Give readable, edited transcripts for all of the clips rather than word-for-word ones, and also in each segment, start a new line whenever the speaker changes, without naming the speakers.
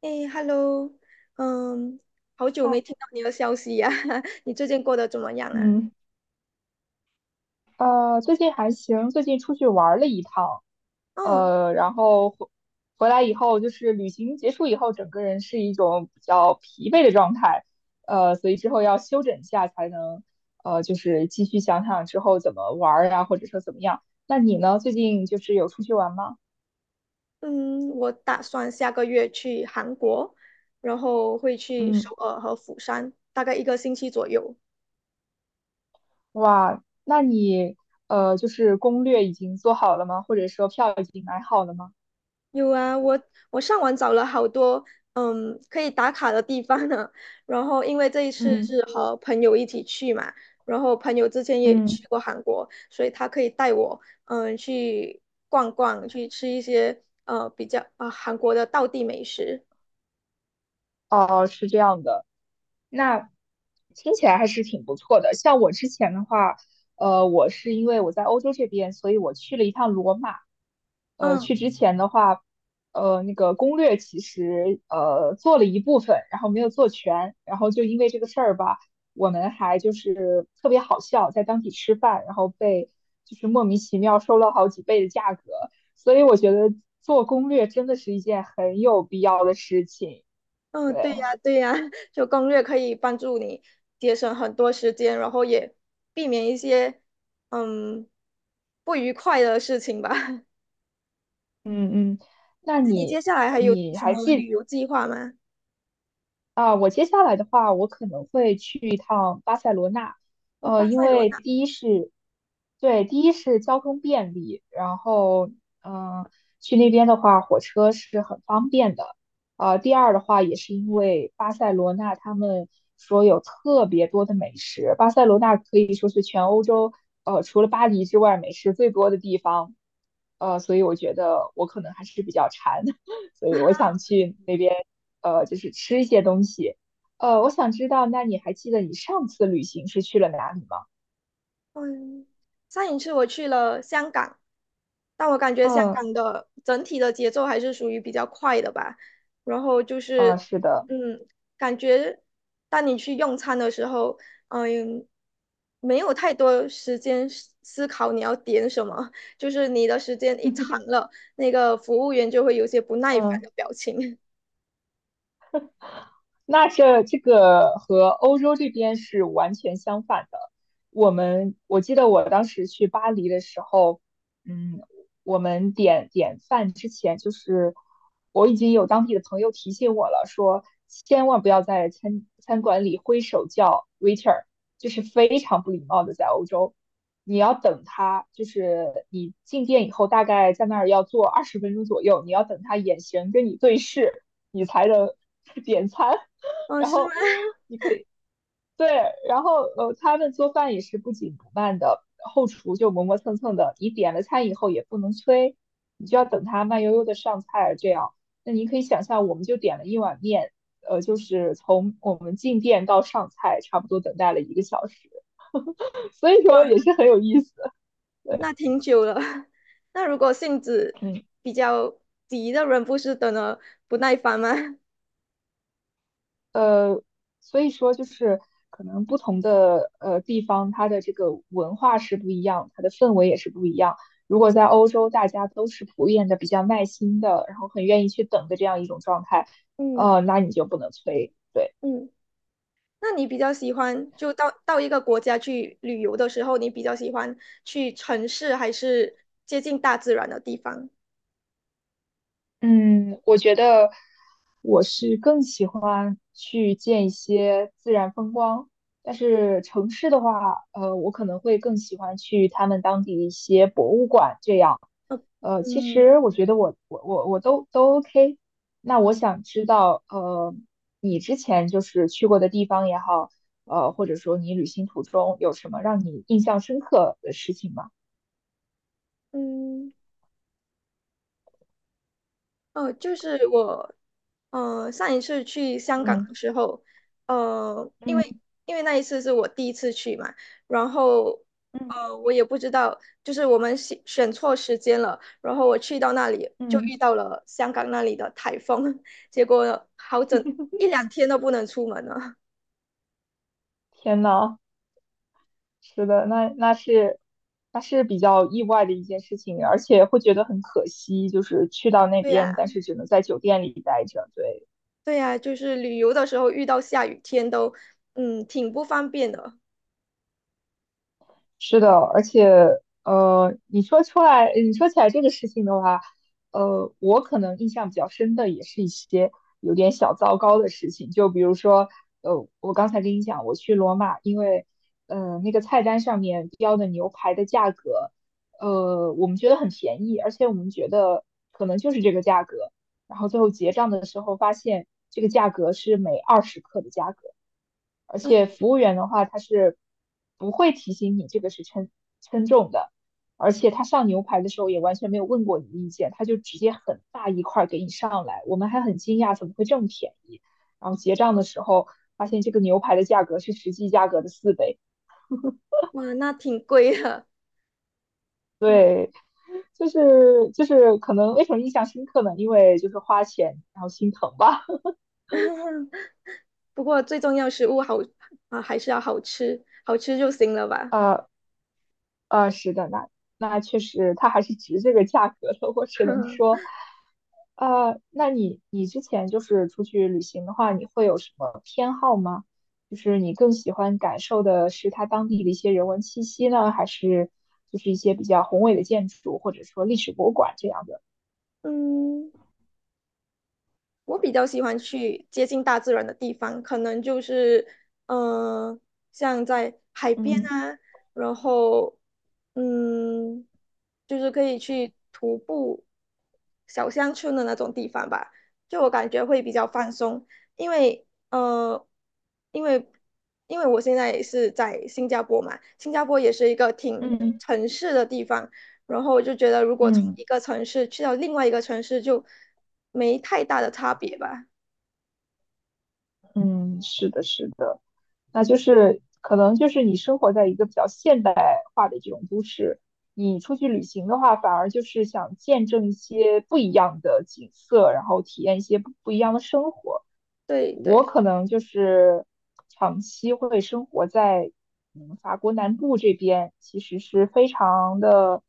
哎，Hello，嗯，好久没
哦
听到你的消息呀、你最近过得怎么样啊？
嗯，最近还行，最近出去玩儿了一趟，
哦，
然后回来以后，就是旅行结束以后，整个人是一种比较疲惫的状态，所以之后要休整一下，才能就是继续想想之后怎么玩儿啊，或者说怎么样。那你呢？最近就是有出去玩吗？
嗯，我打算下个月去韩国，然后会去首
嗯，
尔和釜山，大概一个星期左右。
哇，那你就是攻略已经做好了吗？或者说票已经买好了吗？
有啊，我上网找了好多可以打卡的地方呢。然后因为这一次
嗯，
是和朋友一起去嘛，然后朋友之前也
嗯，
去过韩国，所以他可以带我去逛逛，去吃一些比较啊、韩国的道地美食。
哦，是这样的。那听起来还是挺不错的。像我之前的话，我是因为我在欧洲这边，所以我去了一趟罗马。
嗯
去之前的话，那个攻略其实做了一部分，然后没有做全，然后就因为这个事儿吧，我们就是特别好笑，在当地吃饭，然后被就是莫名其妙收了好几倍的价格，所以我觉得做攻略真的是一件很有必要的事情。
嗯，对
对，
呀对呀，就攻略可以帮助你节省很多时间，然后也避免一些嗯不愉快的事情吧。
嗯嗯，那
那你
你
接下来还有什么旅游计划吗？
啊，我接下来的话，我可能会去一趟巴塞罗那，
哦，巴
因
塞罗
为
那，
第一是，对，第一是交通便利，然后，嗯、去那边的话，火车是很方便的，第二的话，也是因为巴塞罗那他们说有特别多的美食，巴塞罗那可以说是全欧洲，除了巴黎之外，美食最多的地方，所以我觉得我可能还是比较馋。所以我想去那边，就是吃一些东西。我想知道，那你还记得你上次旅行是去了哪里吗？
嗯，上一次我去了香港，但我感觉香
嗯，
港的整体的节奏还是属于比较快的吧。然后就
啊，
是，
是的
嗯，感觉当你去用餐的时候，嗯，没有太多时间思考你要点什么，就是你的时间一长 了，那个服务员就会有些不耐烦
嗯。
的表情。
那这个和欧洲这边是完全相反的。我记得我当时去巴黎的时候，嗯，我们点饭之前，就是我已经有当地的朋友提醒我了，说千万不要在餐馆里挥手叫 waiter，就是非常不礼貌的，在欧洲。你要等他，就是你进店以后，大概在那儿要坐20分钟左右，你要等他眼神跟你对视，你才能 点餐。
嗯，
然
是吗？
后 对，然后他们做饭也是不紧不慢的，后厨就磨磨蹭蹭的。你点了餐以后也不能催，你就要等他慢悠悠的上菜，这样。那你可以想象，我们就点了一碗面，就是从我们进店到上菜，差不多等待了1个小时，所以说
哇。
也是很有意思。对，
那挺久了。那如果性子
嗯。
比较急的人，不是等了不耐烦吗？
呃，所以说就是可能不同的地方，它的这个文化是不一样，它的氛围也是不一样。如果在欧洲，大家都是普遍的比较耐心的，然后很愿意去等的这样一种状态，
嗯
那你就不能催。对。
嗯，那你比较喜欢就到一个国家去旅游的时候，你比较喜欢去城市还是接近大自然的地方？
嗯，我觉得我是更喜欢去见一些自然风光，但是城市的话，我可能会更喜欢去他们当地的一些博物馆这样。
呃，
其
嗯
实我觉得我都 OK。那我想知道，你之前就是去过的地方也好，或者说你旅行途中有什么让你印象深刻的事情吗？
嗯。哦，就是我，上一次去香港
嗯
的时候，呃，因为
嗯
因为那一次是我第一次去嘛，然后，
嗯
我也不知道，就是我们选错时间了，然后我去到那里就
嗯，
遇到了香港那里的台风，结果好整一两天都不能出门了。
天呐！是的，那是比较意外的一件事情，而且会觉得很可惜，就是去到 那
对呀，
边，但是只能在酒店里待着，对。
对呀，就是旅游的时候遇到下雨天都，嗯，挺不方便的。
是的，而且你说出来，你说起来这个事情的话，我可能印象比较深的也是一些有点小糟糕的事情，就比如说，我刚才跟你讲，我去罗马，因为，那个菜单上面标的牛排的价格，我们觉得很便宜，而且我们觉得可能就是这个价格，然后最后结账的时候发现这个价格是每20克的价格。而
嗯，
且服务员的话，他是不会提醒你这个是称重的，而且他上牛排的时候也完全没有问过你的意见，他就直接很大一块儿给你上来，我们还很惊讶怎么会这么便宜。然后结账的时候发现这个牛排的价格是实际价格的4倍，
哇，那挺贵的。
对，就是可能为什么印象深刻呢？因为就是花钱然后心疼吧。
嗯不过最重要食物好啊，还是要好吃，好吃就行了 吧。
呃，是的，那确实，它还是值这个价格的。我只能说，那你之前就是出去旅行的话，你会有什么偏好吗？就是你更喜欢感受的是它当地的一些人文气息呢，还是就是一些比较宏伟的建筑，或者说历史博物馆这样的？
嗯，我比较喜欢去接近大自然的地方，可能就是嗯，像在海边
嗯
啊，然后嗯，就是可以去徒步小乡村的那种地方吧，就我感觉会比较放松，因为呃，因为因为我现在也是在新加坡嘛，新加坡也是一个挺
嗯
城市的地方。然后我就觉得，如果从
嗯
一个城市去到另外一个城市，就没太大的差别吧。
嗯，是的，是的。那就是可能就是你生活在一个比较现代化的这种都市，你出去旅行的话，反而就是想见证一些不一样的景色，然后体验一些不一样的生活。
对对，
我可能就是长期会生活在嗯法国南部这边，其实是非常的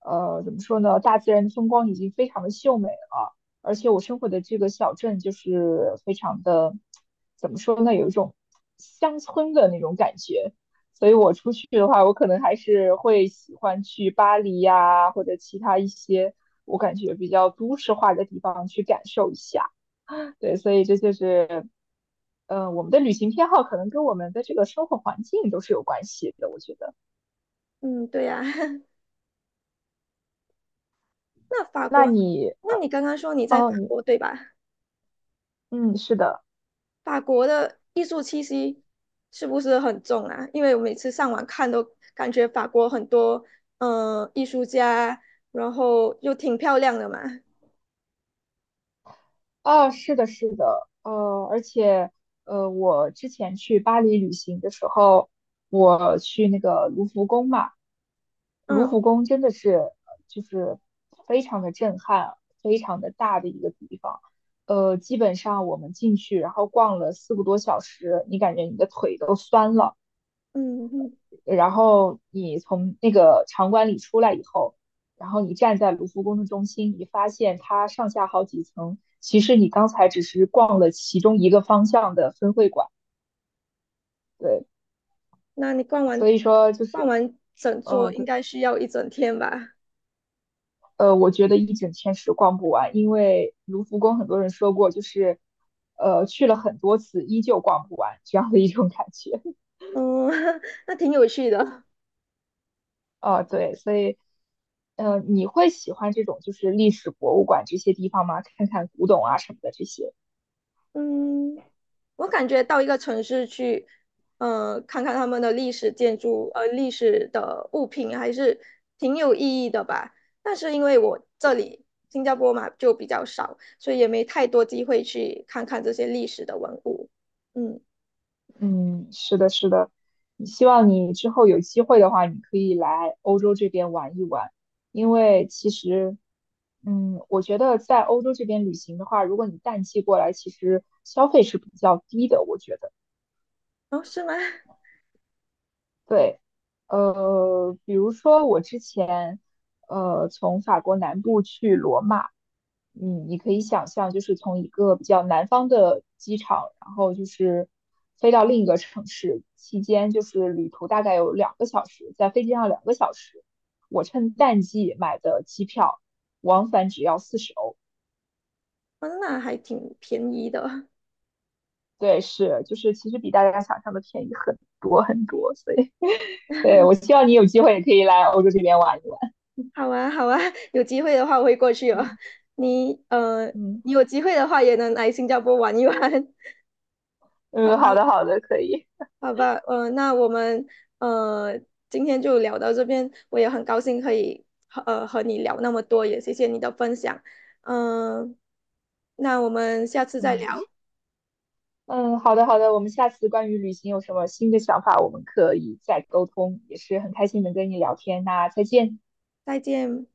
怎么说呢，大自然的风光已经非常的秀美了。而且我生活的这个小镇就是非常的，怎么说呢，有一种乡村的那种感觉。所以我出去的话，我可能还是会喜欢去巴黎呀，或者其他一些我感觉比较都市化的地方去感受一下。对，所以这就是，我们的旅行偏好可能跟我们的这个生活环境都是有关系的，我觉得。
嗯，对呀、那法
那
国呢
你，
那
呃，
你刚刚说你在
哦，
法
你，
国对吧？
嗯，是的。
法国的艺术气息是不是很重啊？因为我每次上网看都感觉法国很多艺术家，然后又挺漂亮的嘛。
啊，是的，是的，而且，我之前去巴黎旅行的时候，我去那个卢浮宫嘛，卢
嗯
浮宫真的是就是非常的震撼，非常的大的一个地方，基本上我们进去，然后逛了4个多小时，你感觉你的腿都酸了。
嗯，嗯
然后你从那个场馆里出来以后，然后你站在卢浮宫的中心，你发现它上下好几层，其实你刚才只是逛了其中一个方向的分会馆，对，
那你逛完
所以说就
逛
是，
完整座应
对，
该需要一整天吧？
我觉得一整天是逛不完，因为卢浮宫很多人说过，就是，去了很多次依旧逛不完这样的一种感觉，
嗯，那挺有趣的。
啊，对，所以。你会喜欢这种就是历史博物馆这些地方吗？看看古董啊什么的这些。
嗯，我感觉到一个城市去，看看他们的历史建筑，历史的物品还是挺有意义的吧。但是因为我这里新加坡嘛就比较少，所以也没太多机会去看看这些历史的文物。嗯，
嗯，是的，是的，希望你之后有机会的话，你可以来欧洲这边玩一玩，因为其实，嗯，我觉得在欧洲这边旅行的话，如果你淡季过来，其实消费是比较低的，我觉得。
哦，是吗？
对，比如说我之前，从法国南部去罗马，嗯，你可以想象，就是从一个比较南方的机场，然后就是飞到另一个城市，期间就是旅途大概有两个小时，在飞机上两个小时，我趁淡季买的机票，往返只要40欧，
哦，那还挺便宜的。
对，是，就是其实比大家想象的便宜很多很多，所以，对，我希望你有机会也可以来欧洲这边玩一玩，
好啊，好啊，有机会的话我会过去哦。
嗯
你呃，
嗯。
你有机会的话也能来新加坡玩一玩。
嗯，好的，好的，可以。
好吧，那我们呃今天就聊到这边，我也很高兴可以和和你聊那么多，也谢谢你的分享，嗯、那我们下次再
嗯
聊，
嗯，好的，好的。我们下次关于旅行有什么新的想法，我们可以再沟通。也是很开心能跟你聊天，那再见。
再见。